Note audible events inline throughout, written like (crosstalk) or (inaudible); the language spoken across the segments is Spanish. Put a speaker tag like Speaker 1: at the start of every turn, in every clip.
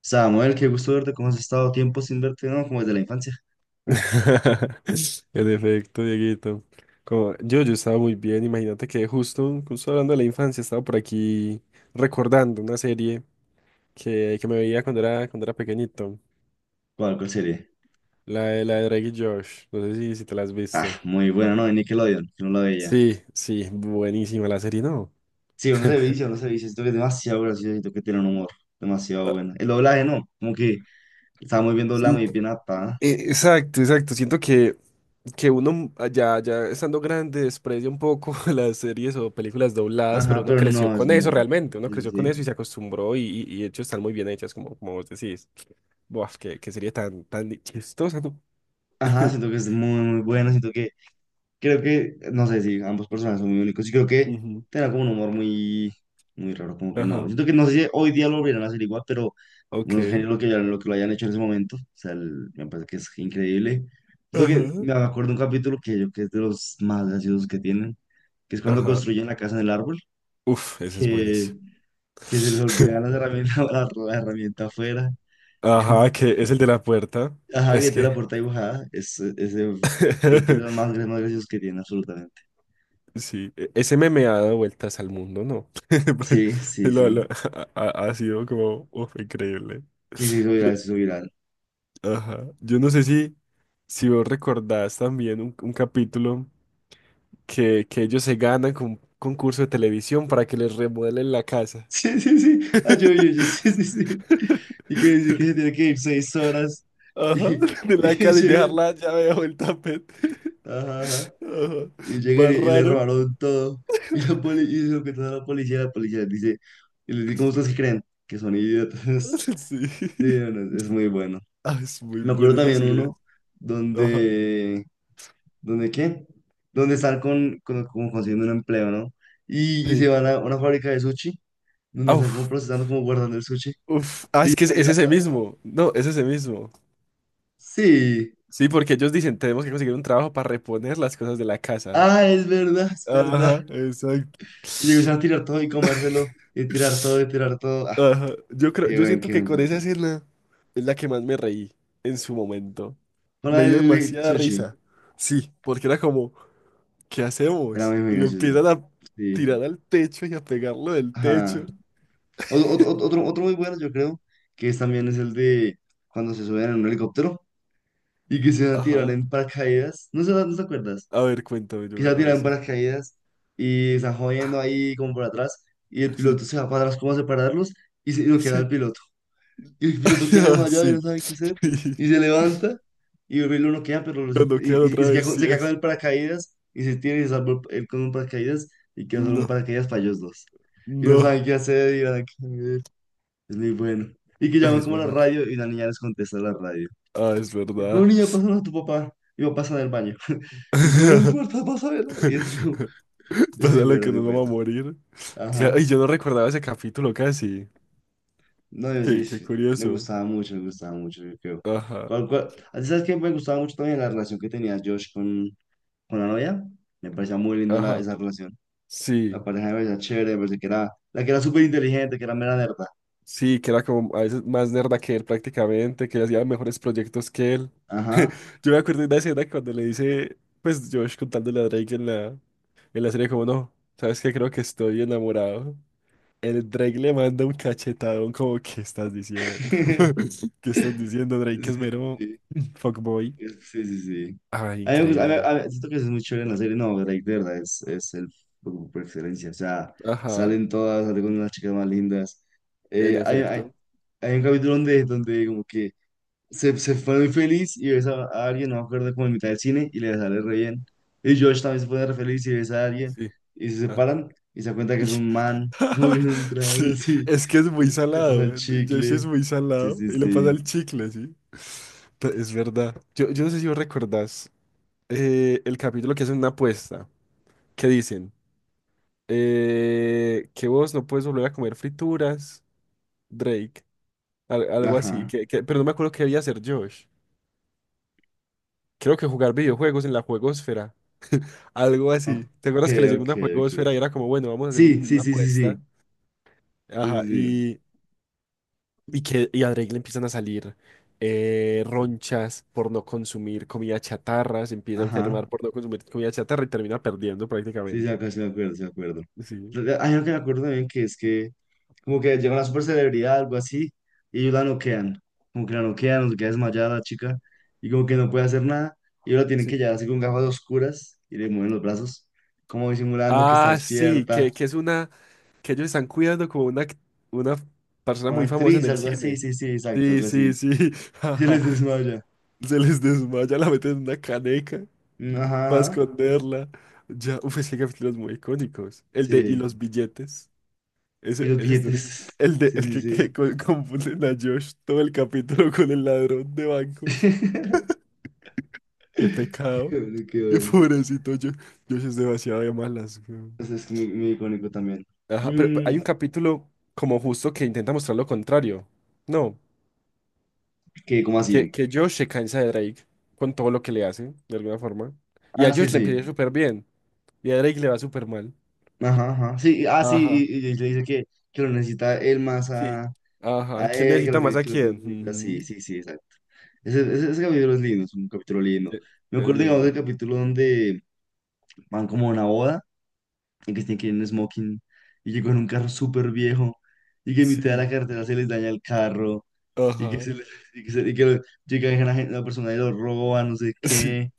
Speaker 1: Samuel, qué gusto verte, ¿cómo has estado? Tiempo sin verte, ¿no? Como desde la infancia.
Speaker 2: (laughs) En efecto, Dieguito. Yo estaba muy bien. Imagínate que justo hablando de la infancia, estaba por aquí recordando una serie que me veía cuando era pequeñito.
Speaker 1: ¿Cuál serie?
Speaker 2: La de Drake y Josh. No sé si te la has
Speaker 1: Ah,
Speaker 2: visto.
Speaker 1: muy buena, ¿no? De Nickelodeon, que no la veía.
Speaker 2: Sí, sí, buenísima la serie, ¿no?
Speaker 1: Sí, uno se
Speaker 2: (laughs)
Speaker 1: vicia, uno se vicia, siento que es demasiado gracioso, siento que tiene un humor demasiado
Speaker 2: Ah,
Speaker 1: bueno. El doblaje, no, como que estaba muy bien doblado,
Speaker 2: sí.
Speaker 1: muy bien adaptada.
Speaker 2: Exacto, exacto. Siento que ya, ya estando grande desprecia un poco (laughs) las series o películas dobladas, pero
Speaker 1: Ajá,
Speaker 2: uno
Speaker 1: pero
Speaker 2: creció
Speaker 1: no, es
Speaker 2: con eso realmente, uno
Speaker 1: Sí,
Speaker 2: creció con
Speaker 1: sí,
Speaker 2: eso
Speaker 1: sí.
Speaker 2: y se acostumbró y de hecho están muy bien hechas, como, como vos decís. Buah, qué, qué serie tan, tan chistosa, ¿no?
Speaker 1: Ajá,
Speaker 2: (laughs)
Speaker 1: siento que es muy bueno, siento que creo que, no sé si ambos personajes son muy únicos. Y creo que
Speaker 2: Ujú.
Speaker 1: tenía como un humor muy raro, como que no.
Speaker 2: Ajá,
Speaker 1: Siento que no sé si hoy día lo volvieran a hacer igual, pero unos
Speaker 2: ok.
Speaker 1: genios lo que lo hayan hecho en ese momento. O sea, me parece que es increíble. Siento que
Speaker 2: Ajá.
Speaker 1: me acuerdo de un capítulo que yo que es de los más graciosos que tienen, que es cuando
Speaker 2: Ajá.
Speaker 1: construyen la casa en el árbol,
Speaker 2: Uf,
Speaker 1: (laughs)
Speaker 2: ese es
Speaker 1: que,
Speaker 2: buenísimo.
Speaker 1: que se
Speaker 2: (laughs)
Speaker 1: les olvidan las herramientas, (laughs) la herramienta afuera.
Speaker 2: Ajá, que es el de la puerta.
Speaker 1: Ajá, que
Speaker 2: Es
Speaker 1: tiene
Speaker 2: que.
Speaker 1: la puerta dibujada. Es, ese, yo creo que es de los
Speaker 2: (laughs)
Speaker 1: más graciosos que tiene, absolutamente.
Speaker 2: Sí, e- ese meme ha dado vueltas al mundo, ¿no? (laughs) Porque
Speaker 1: Sí, sí,
Speaker 2: lo-
Speaker 1: sí.
Speaker 2: ha, ha- ha sido como, uf, increíble.
Speaker 1: Sí, sí, soy
Speaker 2: Yo,
Speaker 1: viral, sí, soy viral. (laughs)
Speaker 2: ajá. Yo no sé si vos recordás también un capítulo que ellos se ganan con un concurso de televisión para que les remodelen la casa.
Speaker 1: Sí, sí, sí. Ah, yo, (laughs) sí, sí, sí.
Speaker 2: (laughs)
Speaker 1: Y quiere decir que se tiene que ir seis horas.
Speaker 2: Ajá,
Speaker 1: Y,
Speaker 2: de
Speaker 1: y
Speaker 2: la
Speaker 1: que
Speaker 2: casa y dejar
Speaker 1: llegan,
Speaker 2: la llave bajo el tapete.
Speaker 1: ajá, ajá,
Speaker 2: (laughs) Ajá.
Speaker 1: y llegan
Speaker 2: Más
Speaker 1: y le
Speaker 2: raro.
Speaker 1: robaron todo. Y la poli, y se lo cuentan a la policía les dice, y les dice, ¿cómo ustedes que creen? Que son idiotas. (laughs)
Speaker 2: (laughs) Sí.
Speaker 1: Sí, no, no, es muy bueno.
Speaker 2: Ah, es muy
Speaker 1: Me acuerdo
Speaker 2: bueno
Speaker 1: también
Speaker 2: esa idea.
Speaker 1: uno
Speaker 2: Ajá.
Speaker 1: donde, ¿donde qué? Donde están como consiguiendo un empleo, ¿no? Y se
Speaker 2: Sí.
Speaker 1: van a una fábrica de sushi, donde están como
Speaker 2: Auf.
Speaker 1: procesando, como guardando el sushi.
Speaker 2: Uf, ah,
Speaker 1: Y yo,
Speaker 2: es que es ese mismo. No, es ese mismo.
Speaker 1: sí.
Speaker 2: Sí, porque ellos dicen, tenemos que conseguir un trabajo para reponer las cosas de la casa.
Speaker 1: Ah, es verdad, es verdad.
Speaker 2: Ajá, exacto.
Speaker 1: Y yo empecé a tirar todo y comérselo, y tirar todo, y tirar todo. Ah,
Speaker 2: Ajá. Yo creo, yo siento
Speaker 1: qué
Speaker 2: que
Speaker 1: buen
Speaker 2: con esa
Speaker 1: capítulo.
Speaker 2: escena es la que más me reí en su momento. Me
Speaker 1: Para
Speaker 2: dio
Speaker 1: el
Speaker 2: demasiada
Speaker 1: sushi,
Speaker 2: risa. Sí, porque era como, ¿qué
Speaker 1: era
Speaker 2: hacemos? Y
Speaker 1: muy
Speaker 2: lo
Speaker 1: gracioso.
Speaker 2: empiezan a
Speaker 1: Sí.
Speaker 2: tirar al techo y a pegarlo del techo.
Speaker 1: Ajá. Otro muy bueno, yo creo, que es también es el de cuando se suben en un helicóptero y que se van a tirar
Speaker 2: Ajá.
Speaker 1: en paracaídas. No sé, ¿no te acuerdas?
Speaker 2: A ver, cuéntame, yo
Speaker 1: Que
Speaker 2: me
Speaker 1: se
Speaker 2: a
Speaker 1: van a tirar
Speaker 2: ver
Speaker 1: en
Speaker 2: si.
Speaker 1: paracaídas y están jodiendo
Speaker 2: Ah,
Speaker 1: ahí como por atrás y el
Speaker 2: sí.
Speaker 1: piloto se va para atrás como a separarlos y se, y no queda
Speaker 2: Sí.
Speaker 1: el
Speaker 2: (laughs)
Speaker 1: piloto. Y el piloto queda
Speaker 2: Ah,
Speaker 1: desmayado y no
Speaker 2: sí.
Speaker 1: sabe qué hacer.
Speaker 2: (laughs) Sí.
Speaker 1: Y se levanta y el uno queda,
Speaker 2: Lo noquean
Speaker 1: y
Speaker 2: otra vez, sí
Speaker 1: se queda con
Speaker 2: es.
Speaker 1: el paracaídas y se tiene y se salvó él con un paracaídas y queda solo un
Speaker 2: No,
Speaker 1: paracaídas para ellos dos. Y no
Speaker 2: no.
Speaker 1: saben qué hacer y van a caer. Es muy bueno. Y que
Speaker 2: Ay,
Speaker 1: llaman
Speaker 2: es
Speaker 1: como
Speaker 2: muy
Speaker 1: a la
Speaker 2: bueno.
Speaker 1: radio y la niña les contesta a la radio.
Speaker 2: Ah, es
Speaker 1: Y como
Speaker 2: verdad.
Speaker 1: niña, pásalo a tu papá. Y papá está en el baño. (laughs) Y como no me
Speaker 2: (laughs)
Speaker 1: importa, pásalo. Y es como, es muy
Speaker 2: Pasa lo
Speaker 1: bueno, es
Speaker 2: que
Speaker 1: muy
Speaker 2: nos vamos
Speaker 1: bueno.
Speaker 2: a morir. Claro,
Speaker 1: Ajá.
Speaker 2: y yo no recordaba ese capítulo casi.
Speaker 1: No, yo sí,
Speaker 2: Qué, qué
Speaker 1: sí,
Speaker 2: curioso.
Speaker 1: me gustaba mucho, yo creo.
Speaker 2: Ajá,
Speaker 1: ¿Cuál, cuál? ¿Ah, ¿sabes qué? Me gustaba mucho también la relación que tenía Josh con la novia. Me parecía muy linda
Speaker 2: ajá.
Speaker 1: esa relación. La
Speaker 2: Sí,
Speaker 1: pareja me parecía chévere, me parecía que era, la que era súper inteligente, que era mera nerda.
Speaker 2: sí, que era como a veces más nerda que él prácticamente, que hacía mejores proyectos que él.
Speaker 1: Ajá.
Speaker 2: Yo me acuerdo de una escena cuando le dice, pues Josh contándole a Drake en en la serie como no, sabes que creo que estoy enamorado. El Drake le manda un cachetadón como, ¿qué estás diciendo?
Speaker 1: (laughs)
Speaker 2: (laughs) ¿Qué estás diciendo? Drake es
Speaker 1: Sí,
Speaker 2: mero
Speaker 1: sí,
Speaker 2: (clears throat) fuckboy.
Speaker 1: sí, sí, sí.
Speaker 2: Ah,
Speaker 1: A mí me gusta,
Speaker 2: increíble.
Speaker 1: a mí- siento que eso es muy chévere en la serie. No, Drake, de verdad, es el por excelencia. O sea,
Speaker 2: Ajá,
Speaker 1: salen todas, salen con las chicas más lindas.
Speaker 2: en
Speaker 1: Eh, hay, hay,
Speaker 2: efecto.
Speaker 1: Hay un capítulo donde, donde como que se fue muy feliz y ves a alguien, no me acuerdo, como en mitad del cine y le sale re bien. Y Josh también se pone re feliz y ves a alguien
Speaker 2: Sí.
Speaker 1: y se
Speaker 2: Ah.
Speaker 1: separan y se da cuenta que es un man, (laughs) como que es
Speaker 2: (laughs)
Speaker 1: un trans
Speaker 2: Sí,
Speaker 1: así.
Speaker 2: es que es
Speaker 1: Y
Speaker 2: muy
Speaker 1: le le pasa el
Speaker 2: salado. Josh
Speaker 1: chicle.
Speaker 2: es muy
Speaker 1: Sí,
Speaker 2: salado
Speaker 1: sí,
Speaker 2: y le pasa
Speaker 1: sí.
Speaker 2: el chicle, sí. Pe- Es verdad. Yo no sé si vos recordás el capítulo que hacen una apuesta. Que dicen que vos no puedes volver a comer frituras, Drake. Al- algo así,
Speaker 1: Ajá.
Speaker 2: que- pero no me acuerdo qué debía hacer Josh. Creo que jugar videojuegos en la juegosfera. Algo
Speaker 1: Ok,
Speaker 2: así. ¿Te acuerdas que le llegó
Speaker 1: ok,
Speaker 2: una
Speaker 1: ok.
Speaker 2: juegosfera y era como, bueno, vamos a hacer
Speaker 1: Sí,
Speaker 2: un-
Speaker 1: sí,
Speaker 2: una
Speaker 1: sí, sí,
Speaker 2: apuesta?
Speaker 1: sí. Sí,
Speaker 2: Ajá,
Speaker 1: sí, sí.
Speaker 2: y que a Drake le empiezan a salir ronchas por no consumir comida chatarra, se empieza a
Speaker 1: Ajá.
Speaker 2: enfermar por no consumir comida chatarra y termina perdiendo
Speaker 1: Sí, sí,
Speaker 2: prácticamente.
Speaker 1: acá sí me acuerdo, sí me acuerdo.
Speaker 2: Sí.
Speaker 1: Hay algo que me acuerdo también que es que como que llega una super celebridad, algo así, y ellos la noquean. Como que la noquean, nos queda desmayada la chica, y como que no
Speaker 2: Ajá,
Speaker 1: puede hacer nada. Y ellos la tienen que
Speaker 2: sí.
Speaker 1: llevar así con gafas oscuras, y le mueven los brazos, como disimulando que está
Speaker 2: Ah, sí,
Speaker 1: despierta.
Speaker 2: que es una, que ellos están cuidando como una, act- una persona
Speaker 1: Una
Speaker 2: muy famosa en
Speaker 1: actriz,
Speaker 2: el
Speaker 1: algo así,
Speaker 2: cine.
Speaker 1: sí, sí, exacto,
Speaker 2: Sí,
Speaker 1: algo
Speaker 2: sí,
Speaker 1: así.
Speaker 2: sí.
Speaker 1: Y se les
Speaker 2: (laughs)
Speaker 1: desmaya.
Speaker 2: (laughs) Se les desmaya, la meten en una caneca
Speaker 1: Mm, ajá,
Speaker 2: para
Speaker 1: ajá,
Speaker 2: esconderla. Ya, uf, es que hay capítulos muy icónicos. El de y
Speaker 1: sí.
Speaker 2: los billetes.
Speaker 1: Y
Speaker 2: Ese,
Speaker 1: los
Speaker 2: ese es durísimo.
Speaker 1: billetes,
Speaker 2: El de
Speaker 1: sí,
Speaker 2: el
Speaker 1: sí,
Speaker 2: que
Speaker 1: sí.
Speaker 2: co- confunden a Josh todo el capítulo con el ladrón de bancos.
Speaker 1: (laughs)
Speaker 2: Qué
Speaker 1: Qué
Speaker 2: pecado.
Speaker 1: bueno, qué
Speaker 2: Qué
Speaker 1: bueno.
Speaker 2: pobrecito Josh. Josh es demasiado de malas, weón.
Speaker 1: Entonces es muy icónico también.
Speaker 2: Ajá, pero hay un
Speaker 1: Mm,
Speaker 2: capítulo como justo que intenta mostrar lo contrario. No,
Speaker 1: que, ¿cómo
Speaker 2: que,
Speaker 1: así?
Speaker 2: que Josh se cansa de Drake con todo lo que le hace, de alguna forma. Y
Speaker 1: Ah,
Speaker 2: a
Speaker 1: sí,
Speaker 2: Josh le empieza
Speaker 1: sí.
Speaker 2: súper bien. Y a Drake le va súper mal.
Speaker 1: Ajá, ajá. Sí, ah, sí,
Speaker 2: Ajá,
Speaker 1: y le dice que lo necesita él más
Speaker 2: sí. Ajá.
Speaker 1: a
Speaker 2: ¿Quién
Speaker 1: él, que lo
Speaker 2: necesita más a
Speaker 1: que lo que lo
Speaker 2: quién?
Speaker 1: necesita. Sí,
Speaker 2: Ujú.
Speaker 1: sí, sí, exacto. Ese capítulo es lindo, es un capítulo lindo.
Speaker 2: Eh,
Speaker 1: Me
Speaker 2: Es
Speaker 1: acuerdo, digamos,
Speaker 2: lindo.
Speaker 1: del capítulo donde van como a una boda y que tienen que ir en smoking y que con un carro súper viejo y que en mitad de
Speaker 2: Sí,
Speaker 1: la carretera se les daña el carro y que,
Speaker 2: ajá.
Speaker 1: se les- y que, se- y que llega la persona y lo roba, no sé
Speaker 2: Sí.
Speaker 1: qué.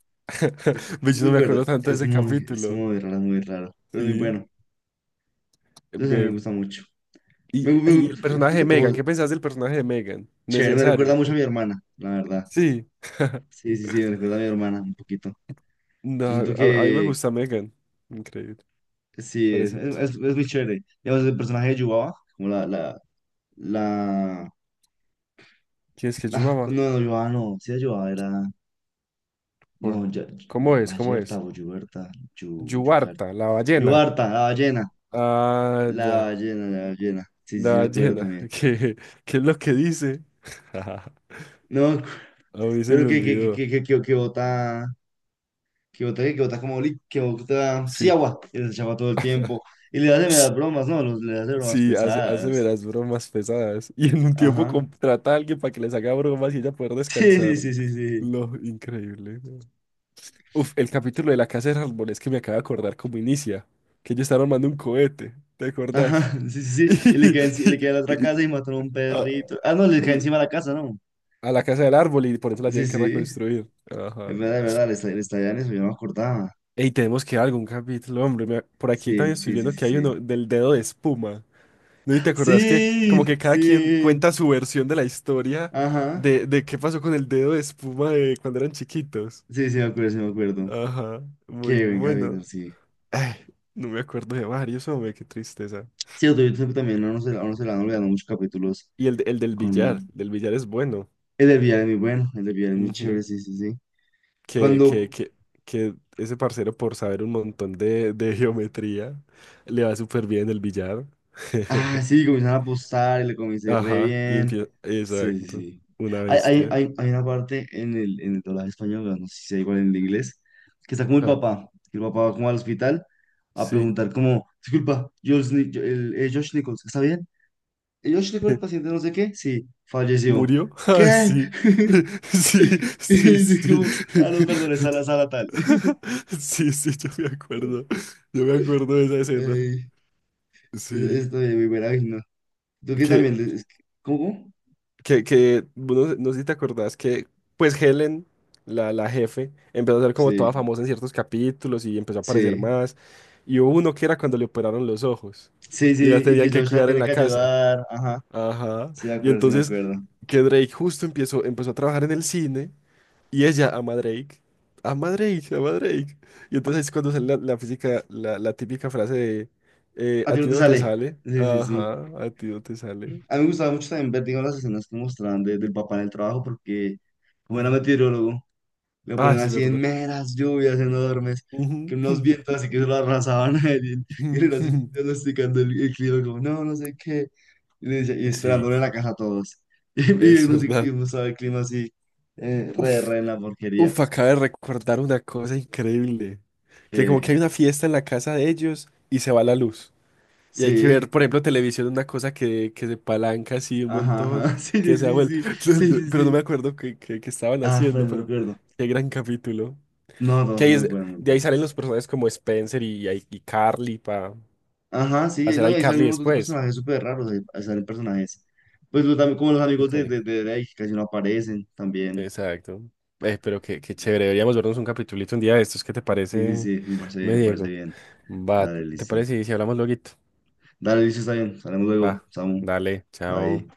Speaker 1: Es,
Speaker 2: (laughs) Ve,
Speaker 1: no
Speaker 2: yo no me
Speaker 1: recuerdo,
Speaker 2: acuerdo tanto de ese
Speaker 1: es
Speaker 2: capítulo.
Speaker 1: muy raro, pero es muy
Speaker 2: Sí.
Speaker 1: bueno. Yo sé, me
Speaker 2: Ve,
Speaker 1: gusta mucho.
Speaker 2: y el
Speaker 1: Siento
Speaker 2: personaje
Speaker 1: que
Speaker 2: de Megan,
Speaker 1: todo
Speaker 2: ¿qué pensás del personaje de Megan?
Speaker 1: chévere, me recuerda
Speaker 2: ¿Necesario?
Speaker 1: mucho a
Speaker 2: ¿Qué?
Speaker 1: mi hermana, la verdad.
Speaker 2: Sí,
Speaker 1: Sí, sí, sí, me recuerda a mi hermana un poquito.
Speaker 2: no,
Speaker 1: Yo siento
Speaker 2: a mí me
Speaker 1: que
Speaker 2: gusta Megan. Increíble,
Speaker 1: sí,
Speaker 2: parece.
Speaker 1: es muy chévere. Digamos, el personaje de Yubaba, como la...
Speaker 2: ¿Quién es que es
Speaker 1: Ah,
Speaker 2: Yubaba?
Speaker 1: no, no, Yubaba no, sí, Yubaba era. No,
Speaker 2: ¿Cuál?
Speaker 1: ya,
Speaker 2: ¿Cómo es? ¿Cómo
Speaker 1: Bayerta
Speaker 2: es?
Speaker 1: o Yuberta, Yucar…
Speaker 2: Yubarta, la ballena.
Speaker 1: Yubarta, la ballena,
Speaker 2: Ah,
Speaker 1: la
Speaker 2: ya.
Speaker 1: ballena, la ballena. Sí, sí, sí,
Speaker 2: La
Speaker 1: me acuerdo
Speaker 2: ballena,
Speaker 1: también.
Speaker 2: (laughs) que es lo que dice. (laughs) A
Speaker 1: No,
Speaker 2: mí se
Speaker 1: pero
Speaker 2: me
Speaker 1: que, que,
Speaker 2: olvidó.
Speaker 1: que, que, que, que bota… que bota como que bota, sí,
Speaker 2: Sí.
Speaker 1: agua, y les echaba todo el tiempo. Y le hace meras bromas, ¿no? Los, le hace bromas
Speaker 2: Sí, hace, hace de
Speaker 1: pesadas.
Speaker 2: las bromas pesadas. Y en un
Speaker 1: Ajá.
Speaker 2: tiempo
Speaker 1: (laughs)
Speaker 2: contrata a alguien para que les haga bromas y ella poder
Speaker 1: Sí,
Speaker 2: descansar.
Speaker 1: sí, sí, sí, sí.
Speaker 2: Lo increíble. ¿No? Uf, el capítulo de la casa de árboles que me acabo de acordar cómo inicia. Que ellos están armando un cohete. ¿Te acordás?
Speaker 1: Ajá, (laughs) sí,
Speaker 2: (laughs)
Speaker 1: sí, sí. Y le
Speaker 2: Y-
Speaker 1: cae, le cae a la otra
Speaker 2: y-
Speaker 1: casa y mataron a un
Speaker 2: a,
Speaker 1: perrito. Ah, no, le cae encima de la casa, ¿no?
Speaker 2: a la casa del árbol y por eso la
Speaker 1: Sí,
Speaker 2: tienen que
Speaker 1: sí.
Speaker 2: reconstruir. Ajá.
Speaker 1: Es verdad, le está, le estallan eso, yo no me acordaba.
Speaker 2: Ey, tenemos que algún capítulo, hombre. Me- por aquí también
Speaker 1: Sí,
Speaker 2: estoy
Speaker 1: sí, sí,
Speaker 2: viendo
Speaker 1: sí,
Speaker 2: que hay
Speaker 1: sí.
Speaker 2: uno del dedo de espuma. ¿No? ¿Y te
Speaker 1: (laughs)
Speaker 2: acordás que como
Speaker 1: Sí,
Speaker 2: que cada quien
Speaker 1: sí.
Speaker 2: cuenta su versión de la historia
Speaker 1: Ajá.
Speaker 2: de qué pasó con el dedo de espuma de cuando eran chiquitos?
Speaker 1: Sí, sí, me acuerdo, sí, me acuerdo.
Speaker 2: Ajá, muy
Speaker 1: Qué buen capítulo,
Speaker 2: bueno.
Speaker 1: sí.
Speaker 2: Ay, no me acuerdo de varios, hombre, qué tristeza.
Speaker 1: Sí, yo también, no, no se le han olvidado muchos capítulos
Speaker 2: Y el, de- el
Speaker 1: con.
Speaker 2: del billar es bueno.
Speaker 1: El del villano es muy bueno, el del villano es muy
Speaker 2: Ujú.
Speaker 1: chévere, sí, sí, sí.
Speaker 2: Que, que,
Speaker 1: Cuando,
Speaker 2: que, que ese parcero por saber un montón de geometría le va súper bien el billar. (laughs)
Speaker 1: ah, sí, comienzan a apostar y le comienza a ir re
Speaker 2: Ajá, y
Speaker 1: bien.
Speaker 2: empieza,
Speaker 1: Sí, sí,
Speaker 2: exacto,
Speaker 1: sí.
Speaker 2: una
Speaker 1: Hay, hay,
Speaker 2: bestia.
Speaker 1: hay, hay una parte en el doblaje español, bueno, no sé si sea igual en el inglés, que está como el
Speaker 2: Ajá,
Speaker 1: papá, que el papá va como al hospital a
Speaker 2: sí.
Speaker 1: preguntar como, disculpa, Josh, Ni- yo- el, Josh Nichols, ¿está bien? ¿El Josh Nichols, el
Speaker 2: (laughs)
Speaker 1: paciente no sé qué? Sí, falleció.
Speaker 2: ¿Murió? Ah,
Speaker 1: ¿Qué?
Speaker 2: sí.
Speaker 1: (laughs)
Speaker 2: (laughs) Sí,
Speaker 1: Y
Speaker 2: sí, sí.
Speaker 1: dijo, ah, no, perdón, es a la
Speaker 2: (laughs)
Speaker 1: sala tal. (laughs)
Speaker 2: Sí, sí, yo me acuerdo. Yo me acuerdo de esa escena.
Speaker 1: Ay, es
Speaker 2: Sí.
Speaker 1: también es muy buena, ay, no. ¿Tú qué
Speaker 2: Que,
Speaker 1: también? Es ¿cómo?
Speaker 2: bueno, no sé si te acordás que, pues Helen, la jefe, empezó a ser como toda
Speaker 1: Sí,
Speaker 2: famosa en ciertos capítulos y empezó a aparecer
Speaker 1: sí,
Speaker 2: más. Y hubo uno que era cuando le operaron los ojos
Speaker 1: sí,
Speaker 2: y la
Speaker 1: sí, y que
Speaker 2: tenían que
Speaker 1: Josh la
Speaker 2: cuidar en
Speaker 1: tiene
Speaker 2: la
Speaker 1: que
Speaker 2: casa.
Speaker 1: ayudar, ajá,
Speaker 2: Ajá.
Speaker 1: sí me
Speaker 2: Y
Speaker 1: acuerdo, sí me
Speaker 2: entonces
Speaker 1: acuerdo.
Speaker 2: que Drake justo empezó, empezó a trabajar en el cine y ella ama a Drake. Ama a Drake, ama a Drake. Y entonces es cuando sale la, la física, la típica frase de
Speaker 1: A
Speaker 2: a
Speaker 1: ti
Speaker 2: ti
Speaker 1: no te
Speaker 2: no te
Speaker 1: sale,
Speaker 2: sale.
Speaker 1: sí, sí, sí.
Speaker 2: Ajá, a ti no te sale.
Speaker 1: A mí me gustaba mucho también ver, digamos, las escenas que mostraban del papá en el trabajo, porque como era
Speaker 2: Ujú.
Speaker 1: meteorólogo, lo
Speaker 2: Ah,
Speaker 1: ponían
Speaker 2: es
Speaker 1: así en
Speaker 2: verdad.
Speaker 1: meras lluvias enormes, que
Speaker 2: Ujú.
Speaker 1: unos vientos así que se lo arrasaban a él, y él era así
Speaker 2: (laughs)
Speaker 1: diagnosticando el clima, como, no, no sé qué, y, y
Speaker 2: Sí.
Speaker 1: esperándole en la casa a todos, (laughs) y,
Speaker 2: Es
Speaker 1: y
Speaker 2: verdad.
Speaker 1: uno sabe el clima así, re,
Speaker 2: Uf,
Speaker 1: re en la porquería.
Speaker 2: uf, acabo de recordar una cosa increíble. Que como
Speaker 1: Eh,
Speaker 2: que hay una fiesta en la casa de ellos y se va la luz. Y hay que
Speaker 1: sí.
Speaker 2: ver, por ejemplo, televisión, una cosa que se palanca así un
Speaker 1: Ajá,
Speaker 2: montón,
Speaker 1: ajá. (laughs) Sí,
Speaker 2: que
Speaker 1: sí,
Speaker 2: se ha
Speaker 1: sí,
Speaker 2: vuelto,
Speaker 1: sí,
Speaker 2: (laughs) no,
Speaker 1: sí,
Speaker 2: no,
Speaker 1: sí,
Speaker 2: pero no me
Speaker 1: sí.
Speaker 2: acuerdo qué qué- qué estaban
Speaker 1: Ah,
Speaker 2: haciendo,
Speaker 1: pero no
Speaker 2: pero
Speaker 1: recuerdo.
Speaker 2: qué gran capítulo.
Speaker 1: No, todos
Speaker 2: Que ahí
Speaker 1: son muy
Speaker 2: es-
Speaker 1: buenos, muy
Speaker 2: de ahí salen
Speaker 1: buenos.
Speaker 2: los personajes como Spencer y Carly para
Speaker 1: Ajá, sí,
Speaker 2: hacer
Speaker 1: no, y
Speaker 2: a
Speaker 1: ahí salen
Speaker 2: Carly
Speaker 1: un montón de
Speaker 2: después.
Speaker 1: personajes súper raros, ahí salen personajes. También como los amigos
Speaker 2: Icónico.
Speaker 1: de Drake, que casi no aparecen también.
Speaker 2: Exacto. Pero qué, qué chévere, deberíamos vernos un capitulito un día de estos, ¿qué te
Speaker 1: Sí,
Speaker 2: parece,
Speaker 1: sí, sí, me parece bien,
Speaker 2: me
Speaker 1: me parece
Speaker 2: Diego?
Speaker 1: bien.
Speaker 2: Va,
Speaker 1: Dale,
Speaker 2: ¿te
Speaker 1: listo.
Speaker 2: parece? Si hablamos luego.
Speaker 1: Dale, listo, está bien. Salimos luego,
Speaker 2: Va,
Speaker 1: Samu.
Speaker 2: dale, chao.
Speaker 1: Bye.